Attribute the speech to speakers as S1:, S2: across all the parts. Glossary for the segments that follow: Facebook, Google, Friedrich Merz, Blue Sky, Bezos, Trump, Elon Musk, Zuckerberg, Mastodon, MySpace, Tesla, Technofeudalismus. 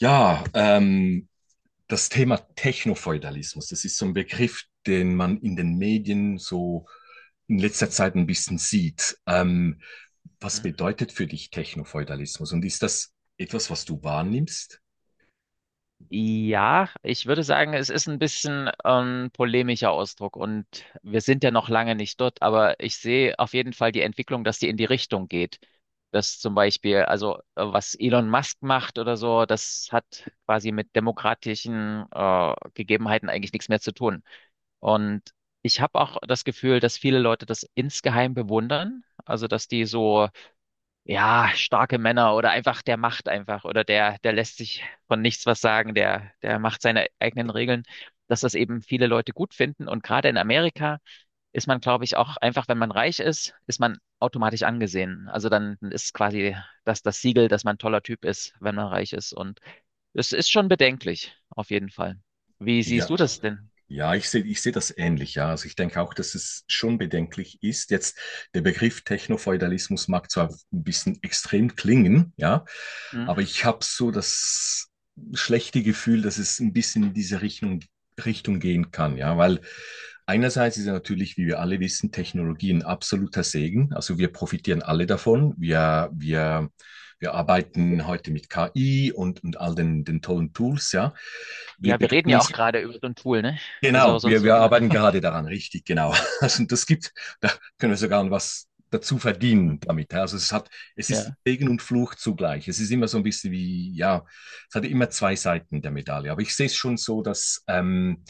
S1: Ja, ähm, Das Thema Technofeudalismus, das ist so ein Begriff, den man in den Medien so in letzter Zeit ein bisschen sieht. Was
S2: Hm?
S1: bedeutet für dich Technofeudalismus und ist das etwas, was du wahrnimmst?
S2: Ja, ich würde sagen, es ist ein bisschen polemischer Ausdruck und wir sind ja noch lange nicht dort, aber ich sehe auf jeden Fall die Entwicklung, dass die in die Richtung geht. Dass zum Beispiel, also was Elon Musk macht oder so, das hat quasi mit demokratischen Gegebenheiten eigentlich nichts mehr zu tun. Und ich habe auch das Gefühl, dass viele Leute das insgeheim bewundern, also dass die so ja, starke Männer oder einfach, der macht einfach oder der lässt sich von nichts was sagen, der macht seine eigenen Regeln, dass das eben viele Leute gut finden. Und gerade in Amerika ist man, glaube ich, auch einfach, wenn man reich ist, ist man automatisch angesehen. Also dann ist quasi das Siegel, dass man ein toller Typ ist, wenn man reich ist. Und es ist schon bedenklich, auf jeden Fall. Wie siehst du
S1: Ja,
S2: das denn?
S1: Ja, ich sehe das ähnlich, ja. Also ich denke auch, dass es schon bedenklich ist. Jetzt der Begriff Technofeudalismus mag zwar ein bisschen extrem klingen, ja,
S2: Hm?
S1: aber ich habe so das schlechte Gefühl, dass es ein bisschen in diese Richtung gehen kann, ja, weil einerseits ist ja natürlich, wie wir alle wissen, Technologie ein absoluter Segen. Also wir profitieren alle davon. Wir arbeiten heute mit KI und all den tollen Tools, ja. Wir
S2: Ja, wir reden
S1: begeben
S2: ja auch
S1: uns.
S2: gerade über so ein Tool, ne?
S1: Genau,
S2: Also
S1: wir,
S2: sonst
S1: wir
S2: würden.
S1: arbeiten gerade daran, richtig, genau. Also das gibt, da können wir sogar was dazu verdienen damit, ja. Also es hat, es ist
S2: Ja.
S1: Segen und Fluch zugleich. Es ist immer so ein bisschen wie, ja, es hat immer zwei Seiten der Medaille. Aber ich sehe es schon so, dass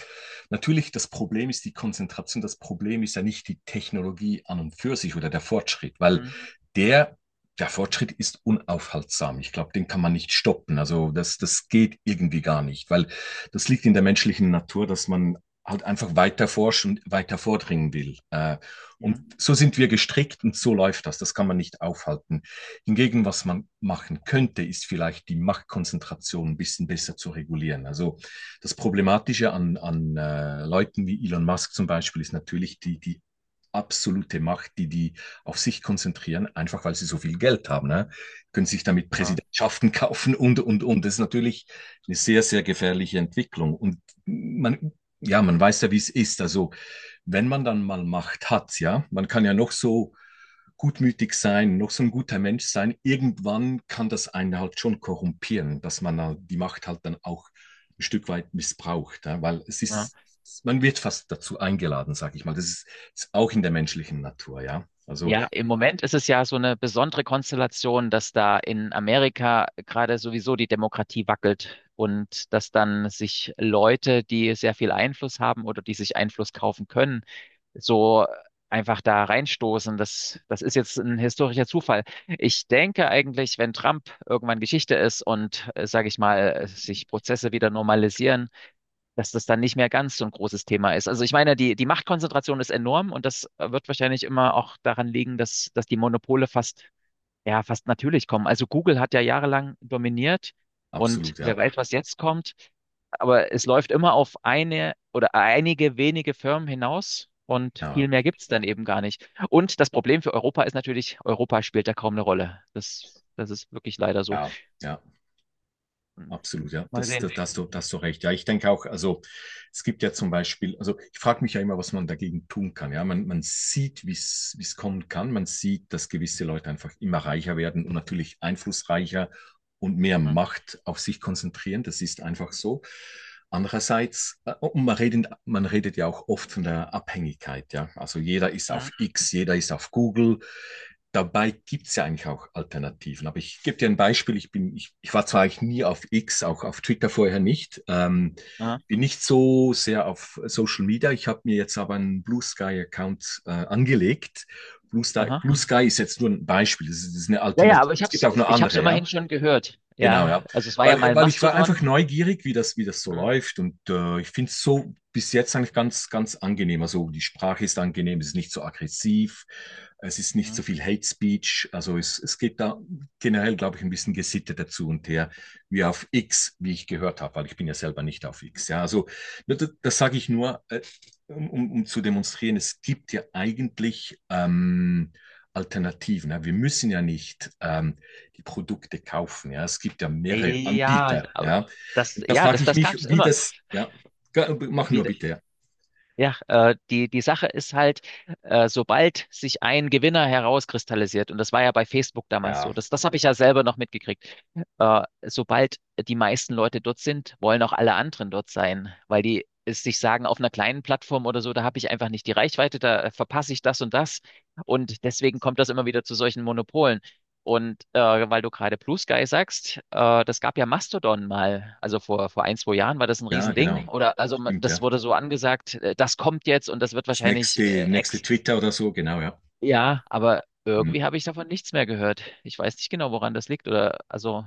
S1: natürlich das Problem ist die Konzentration. Das Problem ist ja nicht die Technologie an und für sich oder der Fortschritt, weil
S2: Hm,
S1: der Der Fortschritt ist unaufhaltsam. Ich glaube, den kann man nicht stoppen. Also das geht irgendwie gar nicht, weil das liegt in der menschlichen Natur, dass man halt einfach weiter forschen, weiter vordringen will.
S2: ja.
S1: Und
S2: Hm,
S1: so sind wir gestrickt und so läuft das. Das kann man nicht aufhalten. Hingegen, was man machen könnte, ist vielleicht die Machtkonzentration ein bisschen besser zu regulieren. Also das Problematische an Leuten wie Elon Musk zum Beispiel ist natürlich die absolute Macht, die auf sich konzentrieren, einfach weil sie so viel Geld haben. Ne? Können sich damit
S2: ja,
S1: Präsidentschaften kaufen und. Das ist natürlich eine sehr gefährliche Entwicklung. Und man ja, man weiß ja, wie es ist. Also, wenn man dann mal Macht hat, ja, man kann ja noch so gutmütig sein, noch so ein guter Mensch sein. Irgendwann kann das einen halt schon korrumpieren, dass man halt die Macht halt dann auch ein Stück weit missbraucht, ja, weil es
S2: ja.
S1: ist, man wird fast dazu eingeladen, sag ich mal. Das ist, ist auch in der menschlichen Natur, ja. Also
S2: Ja, im Moment ist es ja so eine besondere Konstellation, dass da in Amerika gerade sowieso die Demokratie wackelt und dass dann sich Leute, die sehr viel Einfluss haben oder die sich Einfluss kaufen können, so einfach da reinstoßen. Das ist jetzt ein historischer Zufall. Ich denke eigentlich, wenn Trump irgendwann Geschichte ist und, sage ich mal, sich Prozesse wieder normalisieren, dass das dann nicht mehr ganz so ein großes Thema ist. Also ich meine, die Machtkonzentration ist enorm und das wird wahrscheinlich immer auch daran liegen, dass die Monopole fast, ja, fast natürlich kommen. Also Google hat ja jahrelang dominiert und
S1: absolut, ja.
S2: wer weiß, was jetzt kommt. Aber es läuft immer auf eine oder einige wenige Firmen hinaus und
S1: Ja,
S2: viel mehr gibt's dann eben gar nicht. Und das Problem für Europa ist natürlich, Europa spielt da kaum eine Rolle. Das ist wirklich leider so.
S1: ja, ja.
S2: Hm.
S1: Absolut, ja,
S2: Mal
S1: das, da,
S2: sehen.
S1: da hast du, da hast du recht. Ja, ich denke auch, also es gibt ja zum Beispiel, also ich frage mich ja immer, was man dagegen tun kann. Ja, man sieht, wie es kommen kann. Man sieht, dass gewisse Leute einfach immer reicher werden und natürlich einflussreicher und mehr
S2: Hm.
S1: Macht auf sich konzentrieren. Das ist einfach so. Andererseits, und man redet ja auch oft von der Abhängigkeit. Ja, also jeder ist auf
S2: Hm.
S1: X, jeder ist auf Google, dabei gibt es ja eigentlich auch Alternativen. Aber ich gebe dir ein Beispiel. Ich war zwar eigentlich nie auf X, auch auf Twitter vorher nicht.
S2: Ja.
S1: Bin nicht so sehr auf Social Media. Ich habe mir jetzt aber einen Blue Sky-Account angelegt. Blue Sky,
S2: Aha.
S1: Blue Sky ist jetzt nur ein Beispiel. Das ist eine
S2: Ja, ja,
S1: Alternative.
S2: aber ich
S1: Es gibt
S2: hab's,
S1: auch noch
S2: ich hab's
S1: andere, ja.
S2: immerhin schon gehört.
S1: Genau,
S2: Ja,
S1: ja.
S2: also es war ja
S1: Weil,
S2: mal
S1: weil ich war einfach
S2: Mastodon.
S1: neugierig, wie das so
S2: Hm,
S1: läuft. Und ich finde es so bis jetzt eigentlich ganz angenehm. Also die Sprache ist angenehm, es ist nicht so aggressiv. Es ist nicht
S2: hm.
S1: so viel Hate Speech. Also es geht da generell, glaube ich, ein bisschen Gesitte dazu und her, wie auf X, wie ich gehört habe, weil ich bin ja selber nicht auf X. Ja, also das sage ich nur, zu demonstrieren, es gibt ja eigentlich Alternativen. Ja. Wir müssen ja nicht die Produkte kaufen. Ja. Es gibt ja mehrere
S2: Ja,
S1: Anbieter.
S2: aber
S1: Ja.
S2: das,
S1: Und da
S2: ja,
S1: frage
S2: das,
S1: ich
S2: das
S1: mich,
S2: gab's
S1: wie
S2: immer.
S1: das, ja, mach nur
S2: Wie,
S1: bitte.
S2: ja, die, die Sache ist halt, sobald sich ein Gewinner herauskristallisiert, und das war ja bei Facebook damals
S1: Ja,
S2: so, das habe ich ja selber noch mitgekriegt, sobald die meisten Leute dort sind, wollen auch alle anderen dort sein, weil die es sich sagen, auf einer kleinen Plattform oder so, da habe ich einfach nicht die Reichweite, da verpasse ich das und das. Und deswegen kommt das immer wieder zu solchen Monopolen. Und weil du gerade Blue Sky sagst, das gab ja Mastodon mal. Also vor, vor ein, zwei Jahren war das ein
S1: ja, genau.
S2: Riesending. Oder also man-
S1: Stimmt, ja.
S2: das wurde so angesagt, das kommt jetzt und das wird
S1: Das nächste,
S2: wahrscheinlich
S1: nächste
S2: ex.
S1: Twitter oder so, genau, ja.
S2: Ja, aber
S1: Mhm,
S2: irgendwie habe ich davon nichts mehr gehört. Ich weiß nicht genau, woran das liegt. Oder also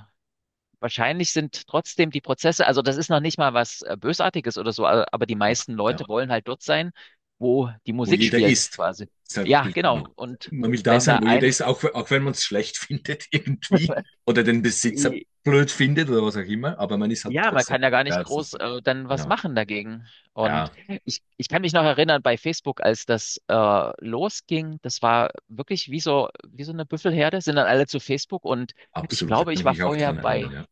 S2: wahrscheinlich sind trotzdem die Prozesse, also das ist noch nicht mal was Bösartiges oder so, a- aber die meisten
S1: absolut, ja.
S2: Leute wollen halt dort sein, wo die
S1: Wo
S2: Musik
S1: jeder
S2: spielt,
S1: ist.
S2: quasi.
S1: Deshalb,
S2: Ja,
S1: genau.
S2: genau. Und
S1: Man will da
S2: wenn da
S1: sein, wo
S2: ein
S1: jeder ist, auch, auch wenn man es schlecht findet irgendwie oder den Besitzer blöd findet oder was auch immer, aber man ist halt
S2: ja, man
S1: trotzdem.
S2: kann ja gar nicht
S1: Ja, das
S2: groß
S1: ist,
S2: dann was
S1: genau.
S2: machen dagegen.
S1: Ja,
S2: Und ich kann mich noch erinnern, bei Facebook, als das losging, das war wirklich wie so eine Büffelherde, sind dann alle zu Facebook und ich
S1: absolut. Da
S2: glaube,
S1: kann
S2: ich
S1: ich
S2: war
S1: mich auch
S2: vorher
S1: dran erinnern,
S2: bei,
S1: ja.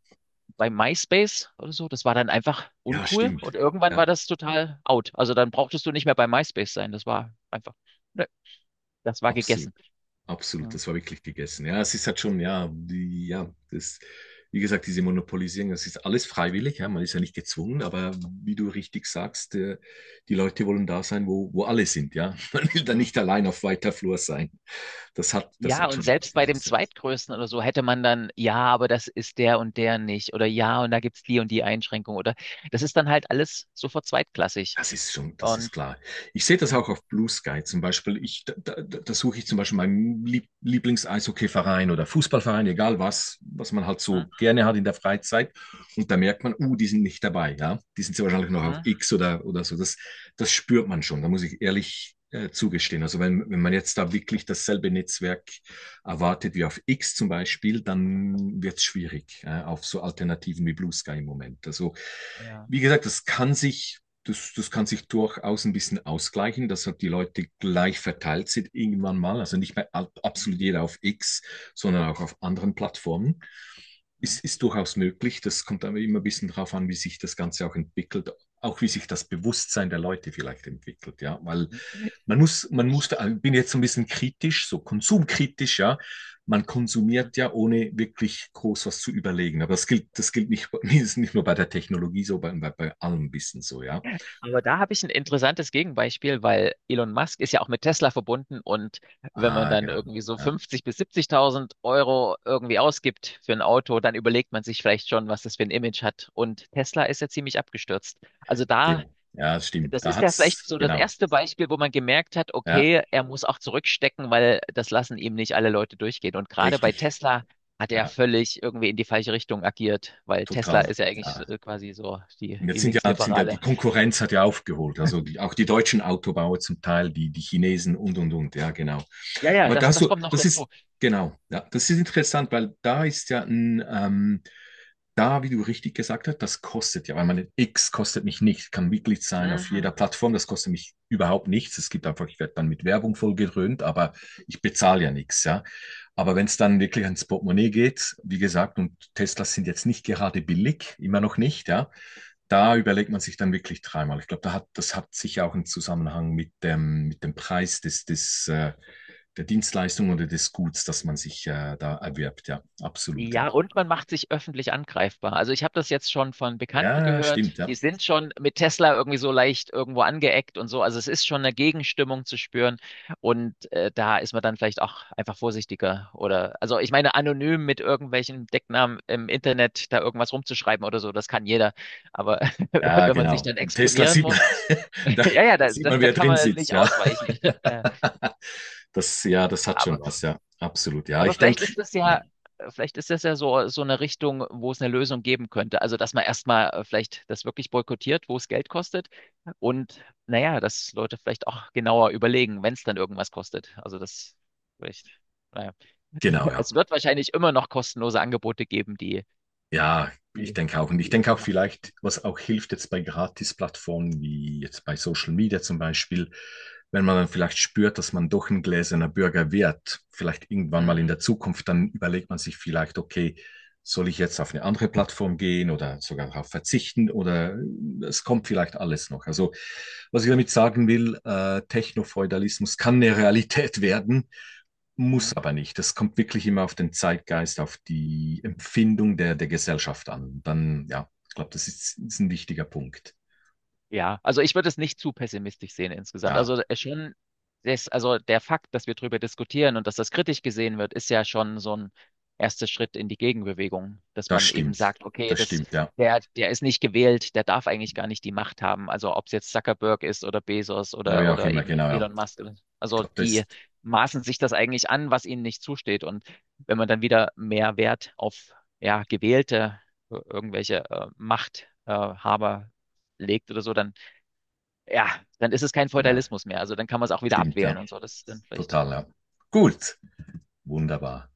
S2: bei MySpace oder so. Das war dann einfach
S1: Ja,
S2: uncool
S1: stimmt.
S2: und irgendwann
S1: Ja,
S2: war das total out. Also dann brauchtest du nicht mehr bei MySpace sein. Das war einfach, ne, das war
S1: absolut.
S2: gegessen.
S1: Absolut, das war wirklich gegessen. Ja, es ist halt schon, ja, die, ja, das, wie gesagt, diese Monopolisierung, das ist alles freiwillig, ja, man ist ja nicht gezwungen, aber wie du richtig sagst, die Leute wollen da sein, wo alle sind, ja. Man will da
S2: Mhm.
S1: nicht allein auf weiter Flur sein. Das
S2: Ja,
S1: hat
S2: und
S1: schon.
S2: selbst bei dem zweitgrößten oder so hätte man dann, ja, aber das ist der und der nicht. Oder ja, und da gibt's die und die Einschränkung. Oder das ist dann halt alles sofort zweitklassig.
S1: Das ist schon, das ist
S2: Und
S1: klar. Ich sehe das
S2: hm,
S1: auch auf Blue Sky zum Beispiel. Da suche ich zum Beispiel meinen Lieb- Lieblings-Eishockey-Verein oder Fußballverein, egal was, was man halt
S2: hm,
S1: so gerne hat in der Freizeit. Und da merkt man, die sind nicht dabei, ja. Die sind sehr wahrscheinlich noch auf
S2: hm,
S1: X oder so. Das spürt man schon. Da muss ich ehrlich zugestehen. Also wenn man jetzt da wirklich dasselbe Netzwerk erwartet wie auf X zum Beispiel, dann wird es schwierig, auf so Alternativen wie Blue Sky im Moment. Also,
S2: ja.
S1: wie gesagt, das kann sich durchaus ein bisschen ausgleichen, dass halt die Leute gleich verteilt sind irgendwann mal. Also nicht mehr
S2: Hm,
S1: absolut jeder auf X, sondern auch auf anderen Plattformen.
S2: hm,
S1: Ist durchaus möglich. Das kommt aber immer ein bisschen darauf an, wie sich das Ganze auch entwickelt, auch wie sich das Bewusstsein der Leute vielleicht entwickelt, ja, weil
S2: hm. Ich,
S1: ich bin jetzt so ein bisschen kritisch, so konsumkritisch, ja, man
S2: hm,
S1: konsumiert ja ohne wirklich groß was zu überlegen, aber das gilt nicht, nicht nur bei der Technologie so, bei allem ein bisschen so, ja.
S2: aber da habe ich ein interessantes Gegenbeispiel, weil Elon Musk ist ja auch mit Tesla verbunden und wenn man
S1: Ah,
S2: dann
S1: genau.
S2: irgendwie so
S1: Ja,
S2: 50 bis 70.000 Euro irgendwie ausgibt für ein Auto, dann überlegt man sich vielleicht schon, was das für ein Image hat. Und Tesla ist ja ziemlich abgestürzt. Also da
S1: sehr. Ja, das stimmt.
S2: das
S1: Da
S2: ist ja vielleicht
S1: hat's,
S2: so das
S1: genau.
S2: erste Beispiel, wo man gemerkt hat,
S1: Ja,
S2: okay, er muss auch zurückstecken, weil das lassen ihm nicht alle Leute durchgehen. Und gerade bei
S1: richtig.
S2: Tesla hat
S1: Ja,
S2: er völlig irgendwie in die falsche Richtung agiert, weil Tesla
S1: total.
S2: ist ja eigentlich so-
S1: Ja.
S2: quasi so die,
S1: Und
S2: die
S1: jetzt die
S2: Linksliberale.
S1: Konkurrenz hat ja aufgeholt. Also die, auch die deutschen Autobauer zum Teil, die Chinesen und. Ja, genau.
S2: Ja, ja,
S1: Aber
S2: das,
S1: da
S2: das
S1: so,
S2: kommt noch
S1: das ist,
S2: dazu.
S1: genau, ja, das ist interessant, weil da ist ja wie du richtig gesagt hast, das kostet ja, weil meine X kostet mich nichts, kann Mitglied sein auf jeder
S2: Mhm.
S1: Plattform, das kostet mich überhaupt nichts. Es gibt einfach, ich werde dann mit Werbung vollgedröhnt, aber ich bezahle ja nichts, ja. Aber wenn es dann wirklich ans Portemonnaie geht, wie gesagt, und Teslas sind jetzt nicht gerade billig, immer noch nicht, ja, da überlegt man sich dann wirklich dreimal. Ich glaube, das hat sicher auch einen Zusammenhang mit dem Preis der Dienstleistung oder des Guts, das man sich da erwirbt. Ja, absolut. Ja,
S2: Ja, und man macht sich öffentlich angreifbar. Also ich habe das jetzt schon von Bekannten
S1: ja,
S2: gehört,
S1: stimmt. Ja,
S2: die sind schon mit Tesla irgendwie so leicht irgendwo angeeckt und so. Also es ist schon eine Gegenstimmung zu spüren und da ist man dann vielleicht auch einfach vorsichtiger oder also ich meine anonym mit irgendwelchen Decknamen im Internet da irgendwas rumzuschreiben oder so, das kann jeder. Aber
S1: ja,
S2: wenn man sich
S1: genau.
S2: dann
S1: Tesla
S2: exponieren
S1: sieht man,
S2: muss,
S1: da,
S2: ja, ja,
S1: da
S2: da,
S1: sieht
S2: da,
S1: man,
S2: da
S1: wer
S2: kann
S1: drin
S2: man
S1: sitzt.
S2: nicht
S1: Ja,
S2: ausweichen.
S1: das, ja, das hat
S2: Ja,
S1: schon was. Ja, absolut. Ja,
S2: aber
S1: ich
S2: vielleicht
S1: denke,
S2: ist das
S1: ja,
S2: ja, vielleicht ist das ja so, so eine Richtung, wo es eine Lösung geben könnte. Also, dass man erstmal vielleicht das wirklich boykottiert, wo es Geld kostet. Und naja, dass Leute vielleicht auch genauer überlegen, wenn es dann irgendwas kostet. Also, das vielleicht, naja.
S1: genau. Ja.
S2: Es wird wahrscheinlich immer noch kostenlose Angebote geben, die,
S1: Ja, ich
S2: die,
S1: denke auch. Und ich
S2: die
S1: denke
S2: immer
S1: auch
S2: noch.
S1: vielleicht, was auch hilft jetzt bei Gratis-Plattformen, wie jetzt bei Social Media zum Beispiel, wenn man dann vielleicht spürt, dass man doch ein gläserner Bürger wird, vielleicht irgendwann
S2: Hm,
S1: mal in der Zukunft, dann überlegt man sich vielleicht, okay, soll ich jetzt auf eine andere Plattform gehen oder sogar darauf verzichten oder es kommt vielleicht alles noch. Also, was ich damit sagen will, Technofeudalismus kann eine Realität werden,
S2: hm.
S1: muss aber nicht. Das kommt wirklich immer auf den Zeitgeist, auf die Empfindung der Gesellschaft an. Dann, ja, ich glaube, ist ein wichtiger Punkt.
S2: Ja, also ich würde es nicht zu pessimistisch sehen insgesamt.
S1: Ja,
S2: Also schon, das, also der Fakt, dass wir darüber diskutieren und dass das kritisch gesehen wird, ist ja schon so ein erster Schritt in die Gegenbewegung, dass
S1: das
S2: man eben
S1: stimmt.
S2: sagt, okay,
S1: Das
S2: das,
S1: stimmt, ja.
S2: der ist nicht gewählt, der darf eigentlich gar nicht die Macht haben. Also ob es jetzt Zuckerberg ist oder Bezos
S1: Oder wie auch
S2: oder
S1: immer,
S2: eben
S1: genau, ja.
S2: Elon Musk.
S1: Ich
S2: Also
S1: glaube, das
S2: die
S1: ist,
S2: maßen sich das eigentlich an, was ihnen nicht zusteht. Und wenn man dann wieder mehr Wert auf ja, gewählte irgendwelche Machthaber Haber legt oder so, dann ja, dann ist es kein
S1: genau,
S2: Feudalismus mehr. Also dann kann man es auch wieder
S1: stimmt, ja.
S2: abwählen und so. Das ist dann vielleicht
S1: Total, ja. Gut, wunderbar.